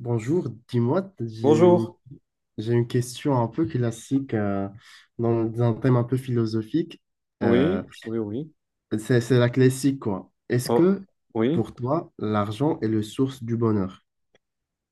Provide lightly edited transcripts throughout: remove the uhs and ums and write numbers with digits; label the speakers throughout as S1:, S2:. S1: Bonjour, dis-moi, j'ai
S2: Bonjour.
S1: j'ai une question un peu classique, dans un thème un peu philosophique. Euh,
S2: Oui, oui, oui.
S1: c'est la classique, quoi. Est-ce
S2: Oh,
S1: que
S2: oui.
S1: pour toi, l'argent est le source du bonheur?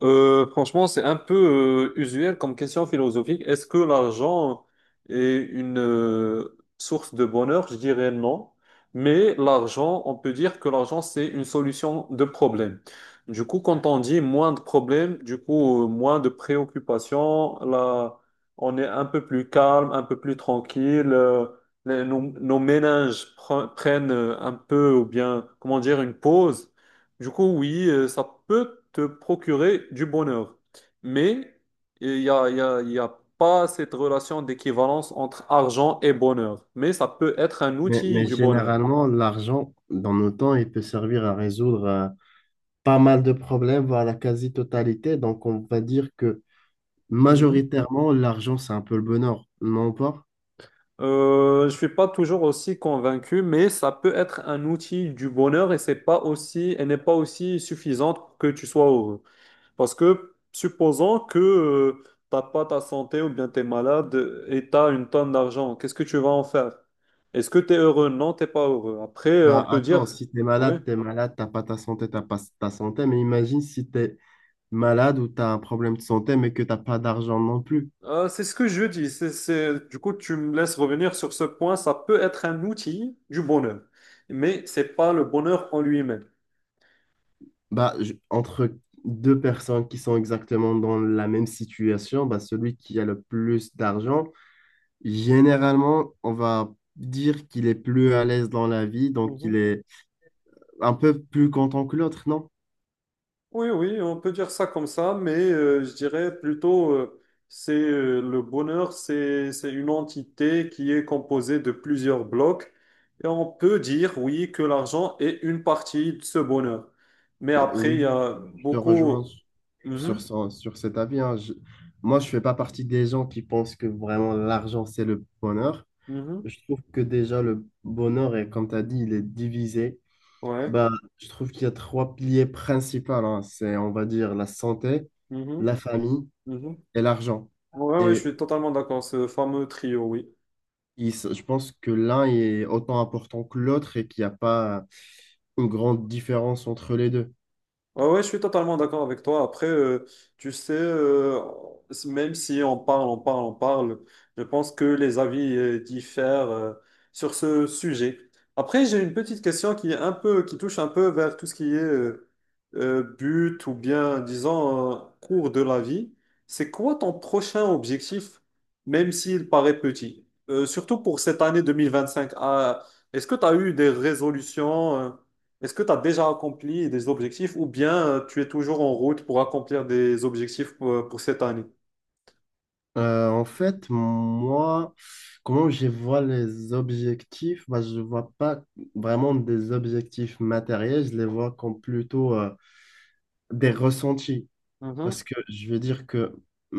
S2: Franchement, c'est un peu usuel comme question philosophique. Est-ce que l'argent est une source de bonheur? Je dirais non. Mais l'argent, on peut dire que l'argent, c'est une solution de problème. Du coup, quand on dit moins de problèmes, du coup, moins de préoccupations, là, on est un peu plus calme, un peu plus tranquille. Nos, nos prennent un peu, ou bien, comment dire, une pause. Du coup, oui, ça peut te procurer du bonheur, mais il n'y a, il y a- il y a pas cette relation d'équivalence entre argent et bonheur, mais ça peut être un
S1: Mais,
S2: outil
S1: mais
S2: du bonheur.
S1: généralement, l'argent, dans nos temps, il peut servir à résoudre pas mal de problèmes, voire la quasi-totalité. Donc, on va dire que
S2: Mhm.
S1: majoritairement, l'argent, c'est un peu le bonheur, non pas?
S2: Je suis pas toujours aussi convaincu, mais ça peut être un outil du bonheur et c'est pas aussi, elle n'est pas aussi suffisante pour que tu sois heureux. Parce que supposons que t'as pas ta santé ou bien tu es malade et tu as une tonne d'argent, qu'est-ce que tu vas en faire? Est-ce que tu es heureux? Non, t'es pas heureux. Après,
S1: Bah
S2: on peut
S1: attends,
S2: dire,
S1: si t'es
S2: oui.
S1: malade, t'es malade, t'as pas ta santé, mais imagine si t'es malade ou tu as un problème de santé mais que tu n'as pas d'argent non plus.
S2: C'est ce que je dis. Du coup, tu me laisses revenir sur ce point. Ça peut être un outil du bonheur, mais c'est pas le bonheur en lui-même.
S1: Entre deux personnes qui sont exactement dans la même situation, bah, celui qui a le plus d'argent, généralement, on va dire qu'il est plus à l'aise dans la vie, donc il
S2: Mhm.
S1: est un peu plus content que l'autre, non?
S2: Oui, oui, on peut dire ça comme ça, mais je dirais plutôt, c'est le bonheur, c'est une entité qui est composée de plusieurs blocs, et on peut dire, oui, que l'argent est une partie de ce bonheur. Mais
S1: Bah,
S2: après, il y
S1: oui,
S2: a
S1: je te rejoins
S2: beaucoup... Mhm,
S1: sur cet avis, hein. Moi, je fais pas partie des gens qui pensent que vraiment l'argent, c'est le bonheur.
S2: mhm,
S1: Je trouve que déjà, le bonheur, est, comme tu as dit, il est divisé.
S2: ouais,
S1: Bah, je trouve qu'il y a trois piliers principaux, hein. C'est, on va dire, la santé,
S2: mhm,
S1: la famille
S2: mhm.
S1: et l'argent.
S2: Ouais, ouais, je
S1: Et
S2: suis totalement d'accord, ce fameux trio, oui.
S1: je pense que l'un est autant important que l'autre et qu'il n'y a pas une grande différence entre les deux.
S2: Ouais, ouais, je suis totalement d'accord avec toi. Après, tu sais, même si on parle, on parle, on parle, je pense que les avis diffèrent sur ce sujet. Après, j'ai une petite question qui est un peu, qui touche un peu vers tout ce qui est but ou bien, disons, cours de la vie. C'est quoi ton prochain objectif, même s'il paraît petit? Surtout pour cette année 2025. Ah, est-ce que tu as eu des résolutions? Est-ce que tu as déjà accompli des objectifs ou bien tu es toujours en route pour accomplir des objectifs pour cette année?
S1: En fait, moi, comment je vois les objectifs? Bah, je ne vois pas vraiment des objectifs matériels, je les vois comme plutôt des ressentis. Parce
S2: Mhm.
S1: que je vais dire que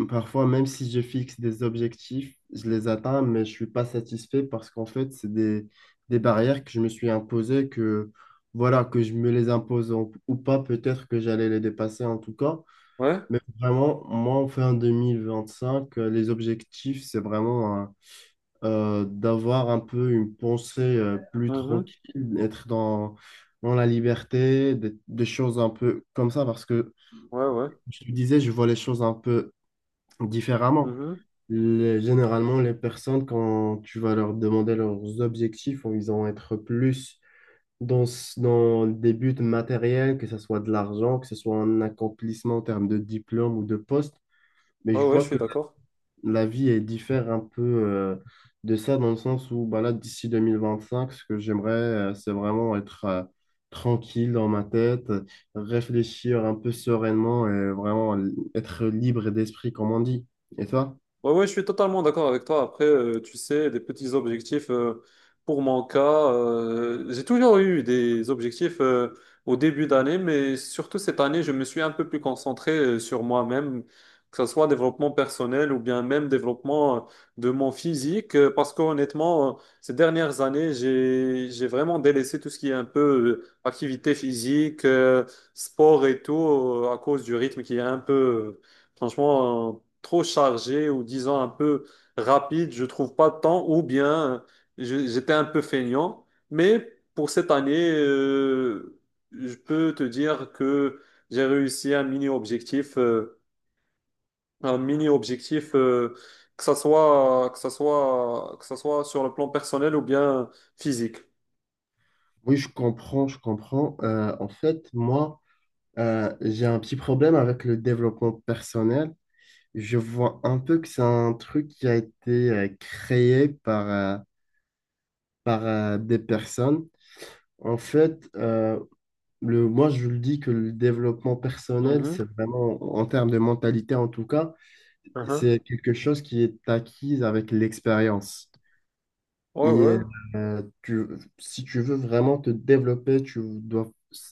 S1: parfois, même si je fixe des objectifs, je les atteins, mais je suis pas satisfait parce qu'en fait, des barrières que je me suis imposées, que voilà, que je me les impose ou pas, peut-être que j'allais les dépasser en tout cas.
S2: Ouais.
S1: Mais vraiment, moi, fin 2025, les objectifs, c'est vraiment, hein, d'avoir un peu une pensée plus
S2: Mhm.
S1: tranquille, être dans la liberté, des choses un peu comme ça, parce que
S2: Ouais, ouais.
S1: je te disais, je vois les choses un peu différemment.
S2: Mhm.
S1: Généralement, les personnes, quand tu vas leur demander leurs objectifs, ils vont être plus dans des buts matériels, que ce soit de l'argent, que ce soit un accomplissement en termes de diplôme ou de poste. Mais
S2: Ouais,
S1: je
S2: ouais, je
S1: vois
S2: suis
S1: que
S2: d'accord.
S1: la vie est diffère un peu, de ça, dans le sens où bah là, d'ici 2025, ce que j'aimerais, c'est vraiment être, tranquille dans ma tête, réfléchir un peu sereinement et vraiment être libre d'esprit, comme on dit. Et toi?
S2: Ouais, ouais, je suis totalement d'accord avec toi. Après, tu sais, des petits objectifs, pour mon cas, j'ai toujours eu des objectifs, au début d'année, mais surtout cette année, je me suis un peu plus concentré, sur moi-même, que ce soit développement personnel ou bien même développement, de mon physique, parce qu'honnêtement, ces dernières années, j'ai vraiment délaissé tout ce qui est un peu, activité physique, sport et tout, à cause du rythme qui est un peu... euh, Franchement, trop chargé ou disons un peu rapide, je trouve pas de temps ou bien j'étais un peu feignant. Mais pour cette année, je peux te dire que j'ai réussi un mini objectif, un mini objectif euh, que ça soit sur le plan personnel ou bien physique.
S1: Oui, je comprends, je comprends. En fait, moi, j'ai un petit problème avec le développement personnel. Je vois un peu que c'est un truc qui a été créé par, des personnes. En fait, moi, je le dis que le développement personnel,
S2: Mhm,
S1: c'est vraiment, en termes de mentalité en tout cas,
S2: mhm.
S1: c'est quelque chose qui est acquise avec l'expérience.
S2: Ouais, ouais.
S1: tu- Si tu veux vraiment te développer, tu dois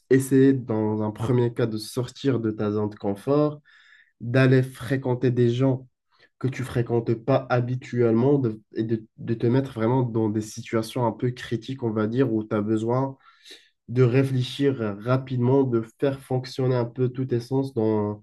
S1: essayer dans un premier cas de sortir de ta zone de confort, d'aller fréquenter des gens que tu fréquentes pas habituellement et de te mettre vraiment dans des situations un peu critiques, on va dire, où tu as besoin de réfléchir rapidement, de faire fonctionner un peu tous tes sens dans…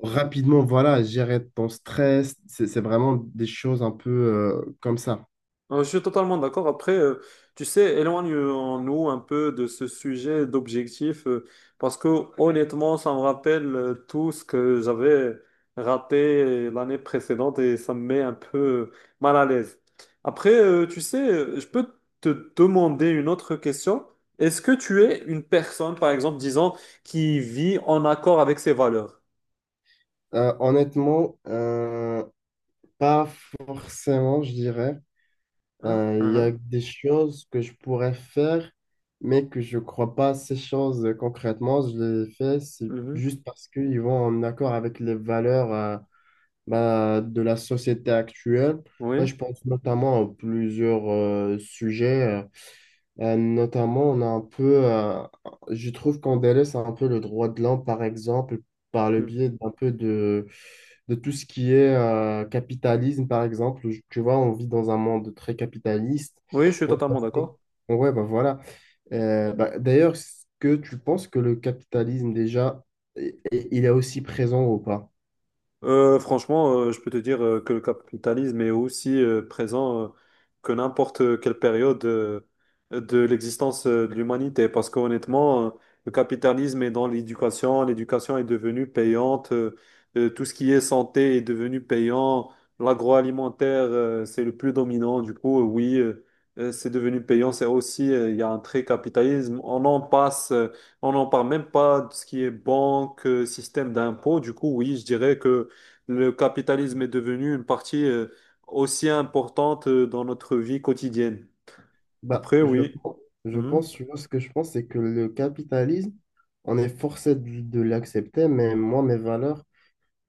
S1: Rapidement, voilà, gérer ton stress, c'est vraiment des choses un peu, comme ça.
S2: Je suis totalement d'accord. Après, tu sais, éloignons-nous un peu de ce sujet d'objectif, parce que honnêtement, ça me rappelle tout ce que j'avais raté l'année précédente et ça me met un peu mal à l'aise. Après, tu sais, je peux te demander une autre question. Est-ce que tu es une personne, par exemple, disons, qui vit en accord avec ses valeurs?
S1: Honnêtement, pas forcément, je dirais.
S2: Hein?
S1: Il
S2: Hein?
S1: y a
S2: Hein.
S1: des choses que je pourrais faire, mais que je crois pas ces choses, concrètement. Je les fais, c'est
S2: Mhm.
S1: juste parce qu'ils vont en accord avec les valeurs, bah, de la société actuelle. Moi,
S2: Oui,
S1: je pense notamment à plusieurs sujets. Notamment, on a un peu, je trouve qu'on délaisse un peu le droit de l'homme, par exemple, par le biais d'un peu de tout ce qui est, capitalisme, par exemple. Tu vois, on vit dans un monde très capitaliste.
S2: oui, je suis
S1: Ouais,
S2: totalement d'accord.
S1: ouais, bah voilà. Bah, d'ailleurs, est-ce que tu penses que le capitalisme, déjà, il est aussi présent ou pas?
S2: Je peux te dire que le capitalisme est aussi présent que n'importe quelle période de l'existence de l'humanité. Parce qu'honnêtement, le capitalisme est dans l'éducation, l'éducation est devenue payante, tout ce qui est santé est devenu payant, l'agroalimentaire, c'est le plus dominant. Du coup, oui, c'est devenu payant. C'est aussi, il y a un trait capitalisme. On en passe. On n'en parle même pas de ce qui est banque, système d'impôt. Du coup, oui, je dirais que le capitalisme est devenu une partie aussi importante dans notre vie quotidienne.
S1: Bah,
S2: Après,
S1: je,
S2: oui.
S1: je
S2: Mhm.
S1: pense, tu vois, ce que je pense, c'est que le capitalisme, on est forcé de l'accepter, mais moi, mes valeurs,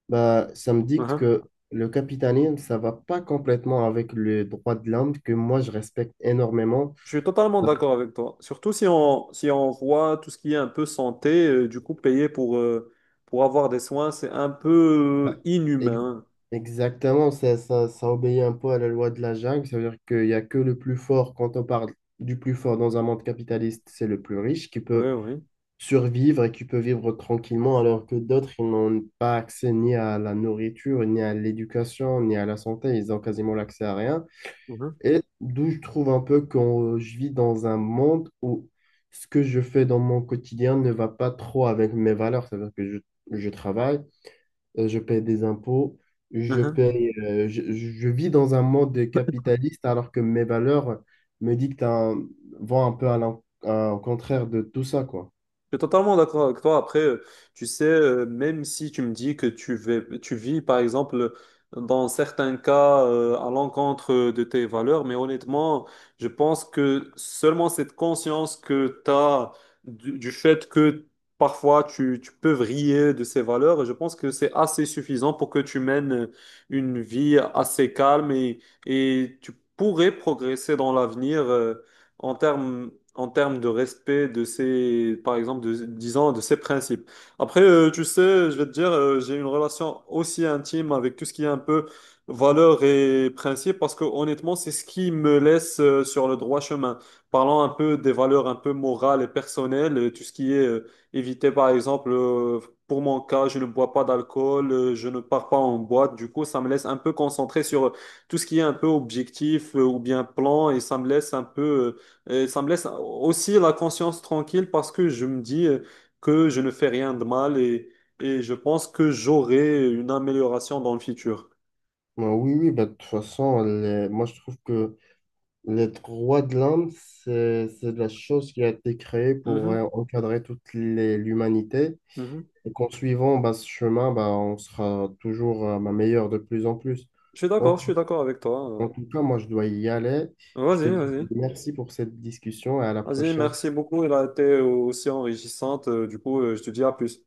S1: bah, ça me dicte
S2: Mhm.
S1: que le capitalisme, ça va pas complètement avec le droit de l'homme que moi je respecte énormément.
S2: Je suis totalement
S1: Ça-
S2: d'accord avec toi. Surtout si on, si on voit tout ce qui est un peu santé, du coup, payer pour avoir des soins, c'est un peu
S1: ça- ex-
S2: inhumain.
S1: Exactement, ça obéit un peu à la loi de la jungle. Ça veut dire qu'il n'y a que le plus fort, quand on parle du plus fort dans un monde capitaliste, c'est le plus riche qui
S2: Oui,
S1: peut
S2: oui.
S1: survivre et qui peut vivre tranquillement, alors que d'autres, ils n'ont pas accès ni à la nourriture, ni à l'éducation, ni à la santé. Ils ont quasiment l'accès à rien.
S2: Mhm.
S1: Et d'où je trouve un peu que je vis dans un monde où ce que je fais dans mon quotidien ne va pas trop avec mes valeurs. C'est-à-dire que je travaille, je paye des impôts, je
S2: Mhm.
S1: paye, je vis dans un monde capitaliste alors que mes valeurs me dictent vont un peu à au contraire de tout ça, quoi.
S2: Je suis totalement d'accord avec toi. Après, tu sais, même si tu me dis que tu vis, par exemple, dans certains cas, à l'encontre de tes valeurs, mais honnêtement, je pense que seulement cette conscience que tu as du fait que parfois tu, tu peux vriller de ces valeurs, je pense que c'est assez suffisant pour que tu mènes une vie assez calme et tu pourrais progresser dans l'avenir. En termes de respect de ces par exemple, de, disons, de ces principes. Après, tu sais, je vais te dire, j'ai une relation aussi intime avec tout ce qui est un peu valeurs et principes, parce que honnêtement, c'est ce qui me laisse sur le droit chemin. Parlons un peu des valeurs un peu morales et personnelles, et tout ce qui est éviter, par exemple, pour mon cas, je ne bois pas d'alcool, je ne pars pas en boîte, du coup, ça me laisse un peu concentré sur tout ce qui est un peu objectif ou bien plan, et ça me laisse un peu... Et ça me laisse aussi la conscience tranquille parce que je me dis que je ne fais rien de mal et je pense que j'aurai une amélioration dans le futur.
S1: Ouais, oui, oui, bah, de toute façon, moi je trouve que les droits de l'homme, c'est la chose qui a été créée pour,
S2: Mhm,
S1: encadrer l'humanité.
S2: mhm.
S1: Et qu'en suivant bah, ce chemin, bah, on sera toujours, bah, meilleur de plus en plus. En,
S2: Je suis d'accord avec
S1: en
S2: toi.
S1: tout cas, moi, je dois y aller. Je te
S2: Vas-y,
S1: dis
S2: vas-y.
S1: merci pour cette discussion et à la
S2: Vas-y,
S1: prochaine.
S2: merci beaucoup. Elle a été aussi enrichissante. Du coup, je te dis à plus.